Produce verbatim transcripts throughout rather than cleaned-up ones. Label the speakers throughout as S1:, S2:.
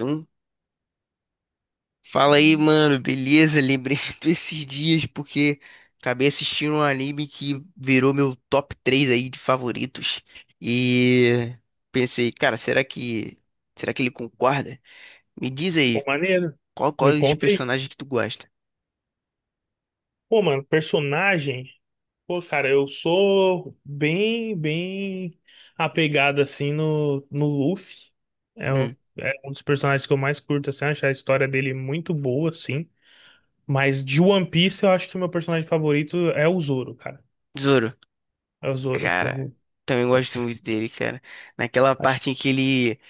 S1: Um, fala aí, mano, beleza? Lembrei de tu esses dias porque acabei assistindo um anime que virou meu top três aí de favoritos. E pensei, cara, será que será que ele concorda? Me diz aí,
S2: Pô, maneiro.
S1: qual
S2: Me
S1: quais
S2: conta aí.
S1: personagens que tu gosta?
S2: Pô, mano, personagem. Pô, cara, eu sou bem, bem apegado assim no, no Luffy. É, o-
S1: Hum.
S2: é um dos personagens que eu mais curto, assim, acho a história dele muito boa, assim. Mas de One Piece, eu acho que meu personagem favorito é o Zoro, cara.
S1: Zoro.
S2: É o Zoro,
S1: Cara,
S2: pô.
S1: também gosto muito dele, cara. Naquela
S2: Acho
S1: parte em que ele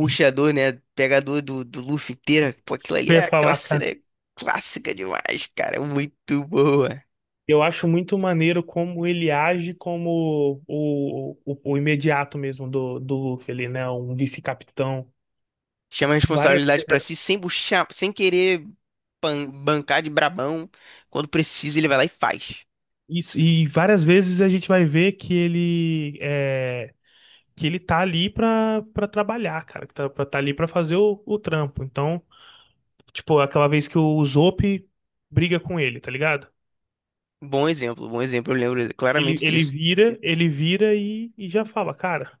S2: que
S1: a dor, né? Pega a dor do, do Luffy inteira. Pô, aquilo ali
S2: eu ia
S1: é aquela
S2: falar, cara.
S1: cena é clássica demais, cara. Muito boa.
S2: Eu acho muito maneiro como ele age como o, o, o imediato mesmo do, do Luffy, ele, né? Um vice-capitão.
S1: Chama a
S2: Várias
S1: responsabilidade pra si sem buchar, sem querer pan- bancar de brabão. Quando precisa, ele vai lá e faz.
S2: Isso, e várias vezes a gente vai ver que ele é, que ele tá ali pra, pra trabalhar, cara, que tá, pra- tá ali pra fazer o, o trampo. Então, tipo, aquela vez que o Zope briga com ele, tá ligado?
S1: Bom exemplo, bom exemplo. Eu lembro
S2: Ele,
S1: claramente
S2: ele
S1: disso.
S2: vira, ele vira e, e já fala, cara,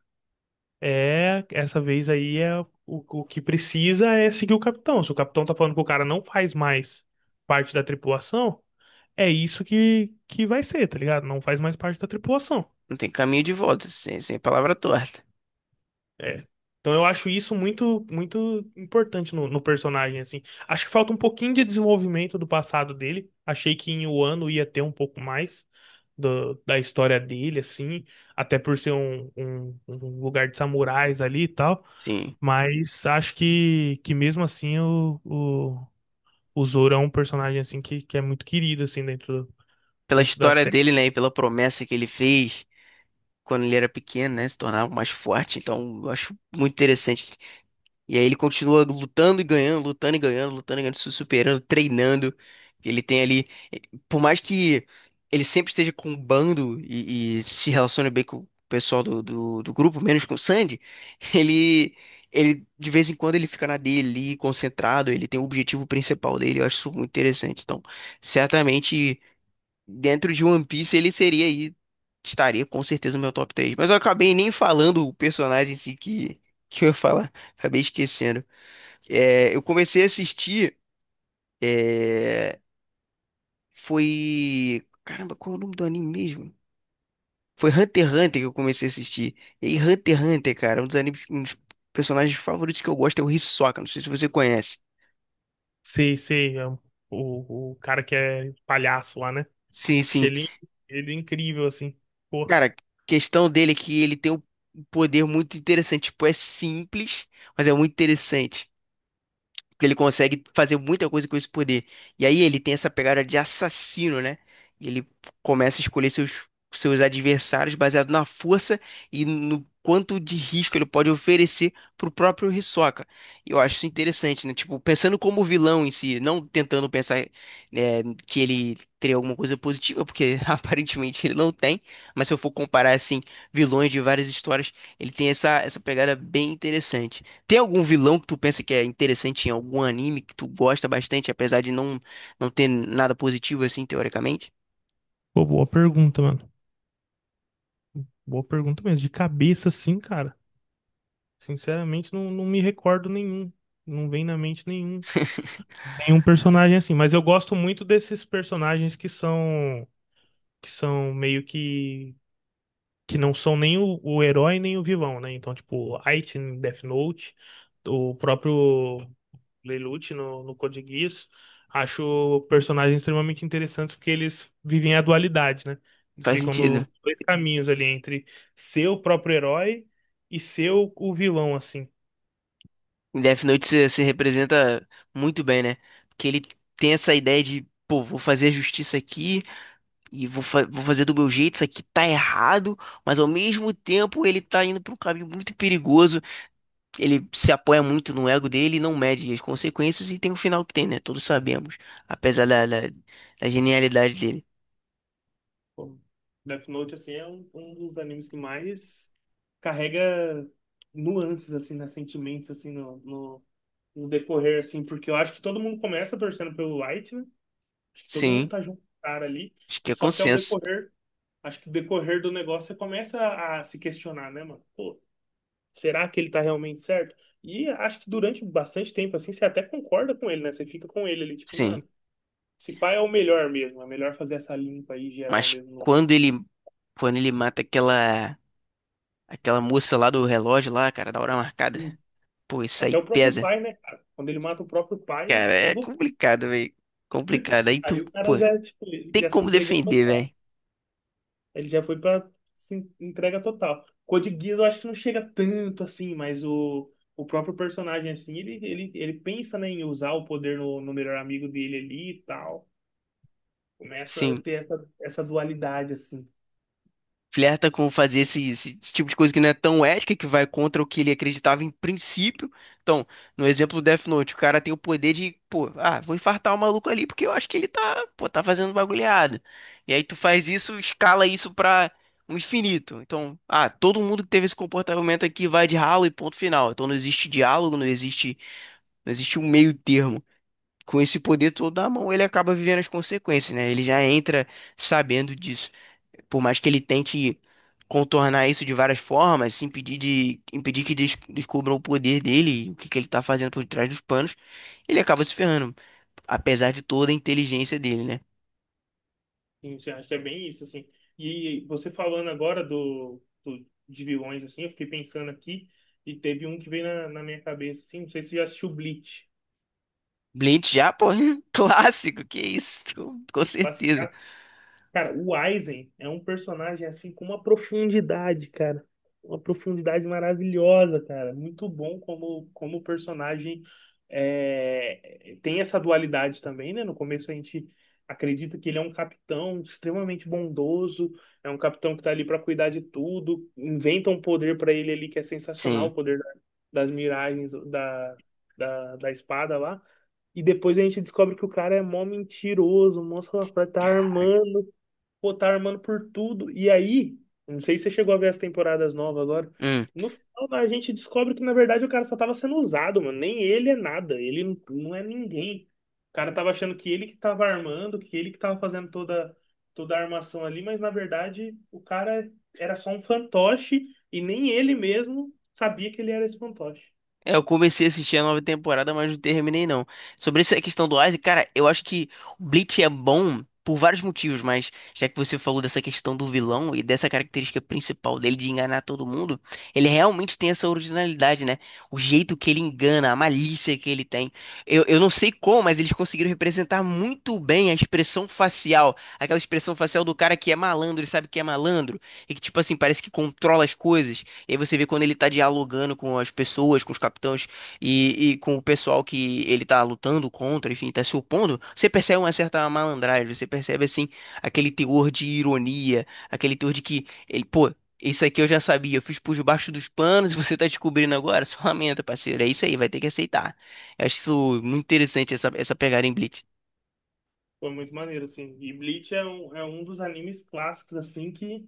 S2: é, essa vez aí é o, o que precisa é seguir o capitão. Se o capitão tá falando que o cara não faz mais parte da tripulação, é isso que, que vai ser, tá ligado? Não faz mais parte da tripulação.
S1: Não tem caminho de volta, sem, sem palavra torta.
S2: É. Então eu acho isso muito muito importante no, no personagem, assim. Acho que falta um pouquinho de desenvolvimento do passado dele. Achei que em Wano ia ter um pouco mais do- da história dele, assim. Até por ser um, um- um lugar de samurais ali e tal.
S1: Sim.
S2: Mas acho que, que mesmo assim o, o, o Zoro é um personagem, assim, que, que é muito querido, assim, dentro,
S1: Pela
S2: dentro da
S1: história
S2: série.
S1: dele, né, e pela promessa que ele fez quando ele era pequeno, né, se tornava mais forte. Então, eu acho muito interessante. E aí ele continua lutando e ganhando, lutando e ganhando, lutando e ganhando, se superando, treinando. Ele tem ali, por mais que ele sempre esteja com o bando e, e se relacione bem com o pessoal do, do, do grupo, menos com o Sandy, ele, ele de vez em quando ele fica na dele ali, concentrado, ele tem o objetivo principal dele. Eu acho isso muito interessante. Então, certamente, dentro de One Piece, ele seria aí, estaria com certeza no meu top três. Mas eu acabei nem falando o personagem em si que, que eu ia falar, acabei esquecendo. É, eu comecei a assistir. É, foi. Caramba, qual é o nome do anime mesmo? Foi Hunter x Hunter que eu comecei a assistir. E aí, Hunter x Hunter, cara, um dos animes, um dos personagens favoritos que eu gosto é o Hisoka. Não sei se você conhece.
S2: Sei, sei, é um- o, o cara que é palhaço lá, né?
S1: Sim,
S2: Achei
S1: sim.
S2: ele, Ele incrível, assim. Pô,
S1: Cara, questão dele é que ele tem um poder muito interessante. Tipo, é simples, mas é muito interessante. Que ele consegue fazer muita coisa com esse poder. E aí ele tem essa pegada de assassino, né? E ele começa a escolher seus, seus adversários baseado na força e no quanto de risco ele pode oferecer pro próprio Hisoka. Eu acho isso interessante, né? Tipo, pensando como vilão em si, não tentando pensar, né, que ele teria alguma coisa positiva, porque aparentemente ele não tem, mas se eu for comparar, assim, vilões de várias histórias, ele tem essa, essa pegada bem interessante. Tem algum vilão que tu pensa que é interessante em algum anime que tu gosta bastante, apesar de não, não ter nada positivo assim, teoricamente?
S2: Pô, boa pergunta, mano. Boa pergunta mesmo. De cabeça, sim, cara. Sinceramente, não, não me recordo nenhum. Não vem na mente nenhum. Nenhum personagem assim. Mas eu gosto muito desses personagens que são. Que são meio que. Que não são nem o, o herói nem o vilão, né? Então, tipo, Item, Death Note, o próprio. Lelouch no, no Code Geass. Acho personagens extremamente interessantes porque eles vivem a dualidade, né? Eles
S1: Faz
S2: ficam no-
S1: sentido.
S2: nos dois caminhos ali entre ser o próprio herói e ser o, o vilão, assim.
S1: Em Death Note se, se representa muito bem, né? Porque ele tem essa ideia de, pô, vou fazer a justiça aqui e vou, fa- vou fazer do meu jeito, isso aqui tá errado, mas ao mesmo tempo ele tá indo pra um caminho muito perigoso. Ele se apoia muito no ego dele e não mede as consequências e tem o final que tem, né? Todos sabemos, apesar da, da da genialidade dele.
S2: Pô, Death Note, assim, é um, um dos animes que mais carrega nuances, assim, né? Sentimentos, assim, no, no, no decorrer, assim. Porque eu acho que todo mundo começa torcendo pelo Light, né? Acho que todo mundo
S1: Sim.
S2: tá junto com o cara ali.
S1: Acho que é
S2: Só que ao
S1: consenso.
S2: decorrer acho que o decorrer do negócio você começa a se questionar, né, mano? Pô, será que ele tá realmente certo? E acho que durante bastante tempo, assim, você até concorda com ele, né? Você fica com ele ali, tipo,
S1: Sim.
S2: mano, esse pai é o melhor mesmo, é melhor fazer essa limpa aí geral
S1: Mas
S2: mesmo.
S1: quando ele quando ele mata aquela aquela moça lá do relógio lá, cara, da hora marcada.
S2: Sim.
S1: Pô, isso
S2: Até
S1: aí
S2: o próprio
S1: pesa.
S2: pai, né, cara? Quando ele mata o próprio pai,
S1: Cara,
S2: eu
S1: é
S2: vou...
S1: complicado, velho. Complicado. Aí
S2: Aí
S1: tu,
S2: o
S1: pô,
S2: cara já, tipo,
S1: tem
S2: já se
S1: como
S2: entregou
S1: defender, velho.
S2: total. Ele já foi pra assim, entrega total. Code Geass eu acho que não chega tanto assim, mas o, o próprio personagem, assim, ele, ele, ele pensa, né, em usar o poder no, no melhor amigo dele ali e tal. Começa a
S1: Sim.
S2: ter essa, essa dualidade, assim.
S1: Flerta com fazer esse, esse- esse tipo de coisa que não é tão ética, que vai contra o que ele acreditava em princípio. Então, no exemplo do Death Note, o cara tem o poder de, pô, ah, vou infartar o maluco ali porque eu acho que ele tá, pô, tá fazendo bagulhada. E aí tu faz isso, escala isso pra um infinito. Então, ah, todo mundo que teve esse comportamento aqui vai de ralo e ponto final. Então não existe diálogo, não existe, não existe um meio termo. Com esse poder todo na mão, ele acaba vivendo as consequências, né? Ele já entra sabendo disso. Por mais que ele tente contornar isso de várias formas, se impedir de impedir que des- descubram o poder dele, e o que que ele tá fazendo por trás dos panos, ele acaba se ferrando, apesar de toda a inteligência dele, né?
S2: Sim, você acha que é bem isso, assim. E você falando agora do, do, de vilões, assim, eu fiquei pensando aqui e teve um que veio na, na minha cabeça, assim, não sei se você já assistiu Bleach.
S1: Blade já, pô, clássico, que isso, com, com certeza.
S2: Cara, o Aizen é um personagem assim com uma profundidade, cara. Uma profundidade maravilhosa, cara. Muito bom como, como o personagem é, tem essa dualidade também, né? No começo a gente acredita que ele é um capitão extremamente bondoso, é um capitão que tá ali pra cuidar de tudo. Inventa um poder pra ele ali que é sensacional,
S1: Sim.
S2: o poder da- das miragens da, da, da espada lá. E depois a gente descobre que o cara é mó mentiroso, mó safado, tá armando. Pô, tá armando por tudo. E aí, não sei se você chegou a ver as temporadas novas agora.
S1: Hum.
S2: No final, a gente descobre que, na verdade, o cara só tava sendo usado, mano. Nem ele é nada. Ele não não é ninguém. O cara tava achando que ele que tava armando, que ele que tava fazendo toda, toda a armação ali, mas, na verdade, o cara era só um fantoche e nem ele mesmo sabia que ele era esse fantoche.
S1: É, eu comecei a assistir a nova temporada, mas não terminei não. Sobre essa questão do Isaac, cara, eu acho que o Bleach é bom por vários motivos, mas já que você falou dessa questão do vilão e dessa característica principal dele de enganar todo mundo, ele realmente tem essa originalidade, né? O jeito que ele engana, a malícia que ele tem. Eu, eu não sei como, mas eles conseguiram representar muito bem a expressão facial, aquela expressão facial do cara que é malandro e sabe que é malandro, e que, tipo assim, parece que controla as coisas. E aí você vê quando ele tá dialogando com as pessoas, com os capitães e, e com o pessoal que ele tá lutando contra, enfim, tá se opondo, você percebe uma certa malandragem, você percebe assim aquele teor de ironia, aquele teor de que ele, pô, isso aqui eu já sabia, eu fiz por debaixo dos panos e você tá descobrindo agora, só lamenta, parceiro, é isso aí, vai ter que aceitar. Eu acho isso muito interessante essa essa pegada em Bleach.
S2: Foi muito maneiro, assim. E Bleach é um, é um dos animes clássicos, assim, que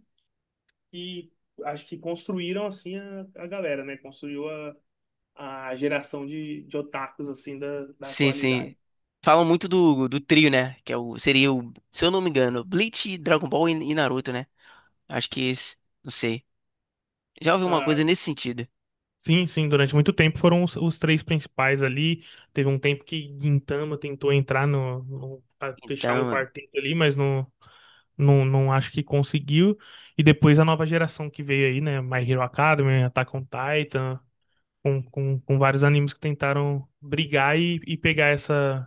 S2: que acho que construíram assim a, a galera, né? Construiu a, a geração de, de otakus assim da, da
S1: Sim,
S2: atualidade.
S1: sim. Falam muito do, do trio, né? Que é o, seria o, se eu não me engano, Bleach, Dragon Ball e e Naruto, né? Acho que esse, não sei. Já ouvi uma
S2: Ah,
S1: coisa nesse sentido.
S2: sim, sim, durante muito tempo foram os, os três principais ali. Teve um tempo que Gintama tentou entrar no, no- pra fechar um
S1: Então,
S2: quarteto ali, mas não, não, não acho que conseguiu. E depois a nova geração que veio aí, né? My Hero Academy, Attack on Titan, com, com, com vários animes que tentaram brigar e, e pegar essa.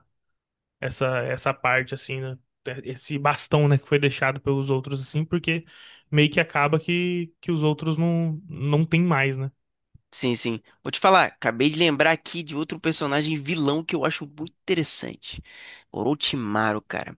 S2: essa Essa parte assim, né? Esse bastão, né, que foi deixado pelos outros assim, porque meio que acaba que, que os outros não não tem mais, né?
S1: sim, sim. Vou te falar, acabei de lembrar aqui de outro personagem vilão que eu acho muito interessante. Orochimaru, cara.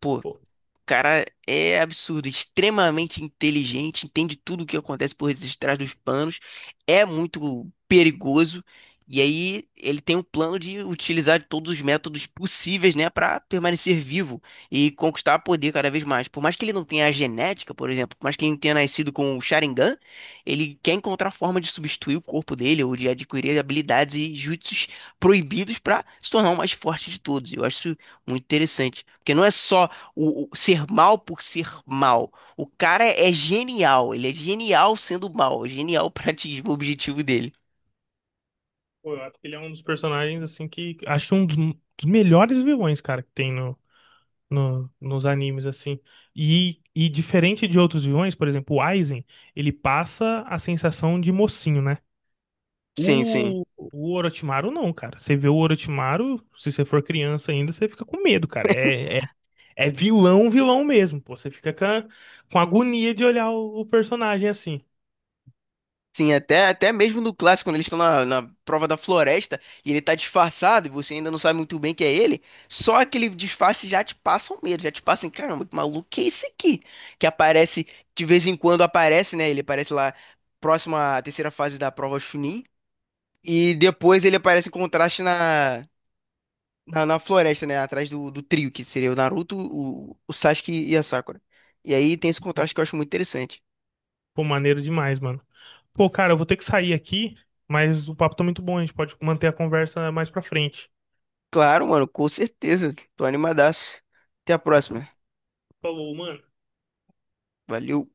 S1: Pô. O
S2: Pô,
S1: cara é absurdo, extremamente inteligente, entende tudo o que acontece por detrás dos panos, é muito perigoso. E aí ele tem um plano de utilizar todos os métodos possíveis, né, para permanecer vivo e conquistar poder cada vez mais. Por mais que ele não tenha a genética, por exemplo, por mais que ele não tenha nascido com o Sharingan, ele quer encontrar forma de substituir o corpo dele ou de adquirir habilidades e jutsus proibidos para se tornar o mais forte de todos. Eu acho isso muito interessante, porque não é só o, o ser mal por ser mal. O cara é genial, ele é genial sendo mal, é genial pra atingir o objetivo dele.
S2: Pô, eu acho que ele é um dos personagens assim que acho que é um dos, dos melhores vilões, cara, que tem no, no nos animes assim. E e diferente de outros vilões, por exemplo, o Aizen, ele passa a sensação de mocinho, né?
S1: Sim, sim.
S2: O, o Orochimaru não, cara. Você vê o Orochimaru, se você for criança ainda, você fica com medo, cara. É, é é vilão, vilão mesmo, pô. Você fica com, a- com agonia de olhar o, o personagem assim.
S1: Sim, até, até mesmo no clássico, quando eles estão na, na prova da floresta e ele tá disfarçado e você ainda não sabe muito bem que é ele, só aquele disfarce já te passa um medo, já te passa assim, caramba, que maluco que é esse aqui? Que aparece, de vez em quando aparece, né? Ele aparece lá próximo à terceira fase da prova Chunin e depois ele aparece em contraste na. Na, na floresta, né? Atrás do, do trio, que seria o Naruto, o, o Sasuke e a Sakura. E aí tem esse
S2: Pô,
S1: contraste que eu acho muito interessante.
S2: Pô, maneiro demais, mano. Pô, cara, eu vou ter que sair aqui, mas o papo tá muito bom. A gente pode manter a conversa mais pra frente.
S1: Claro, mano, com certeza. Tô animadaço. Até a próxima.
S2: Falou, mano.
S1: Valeu.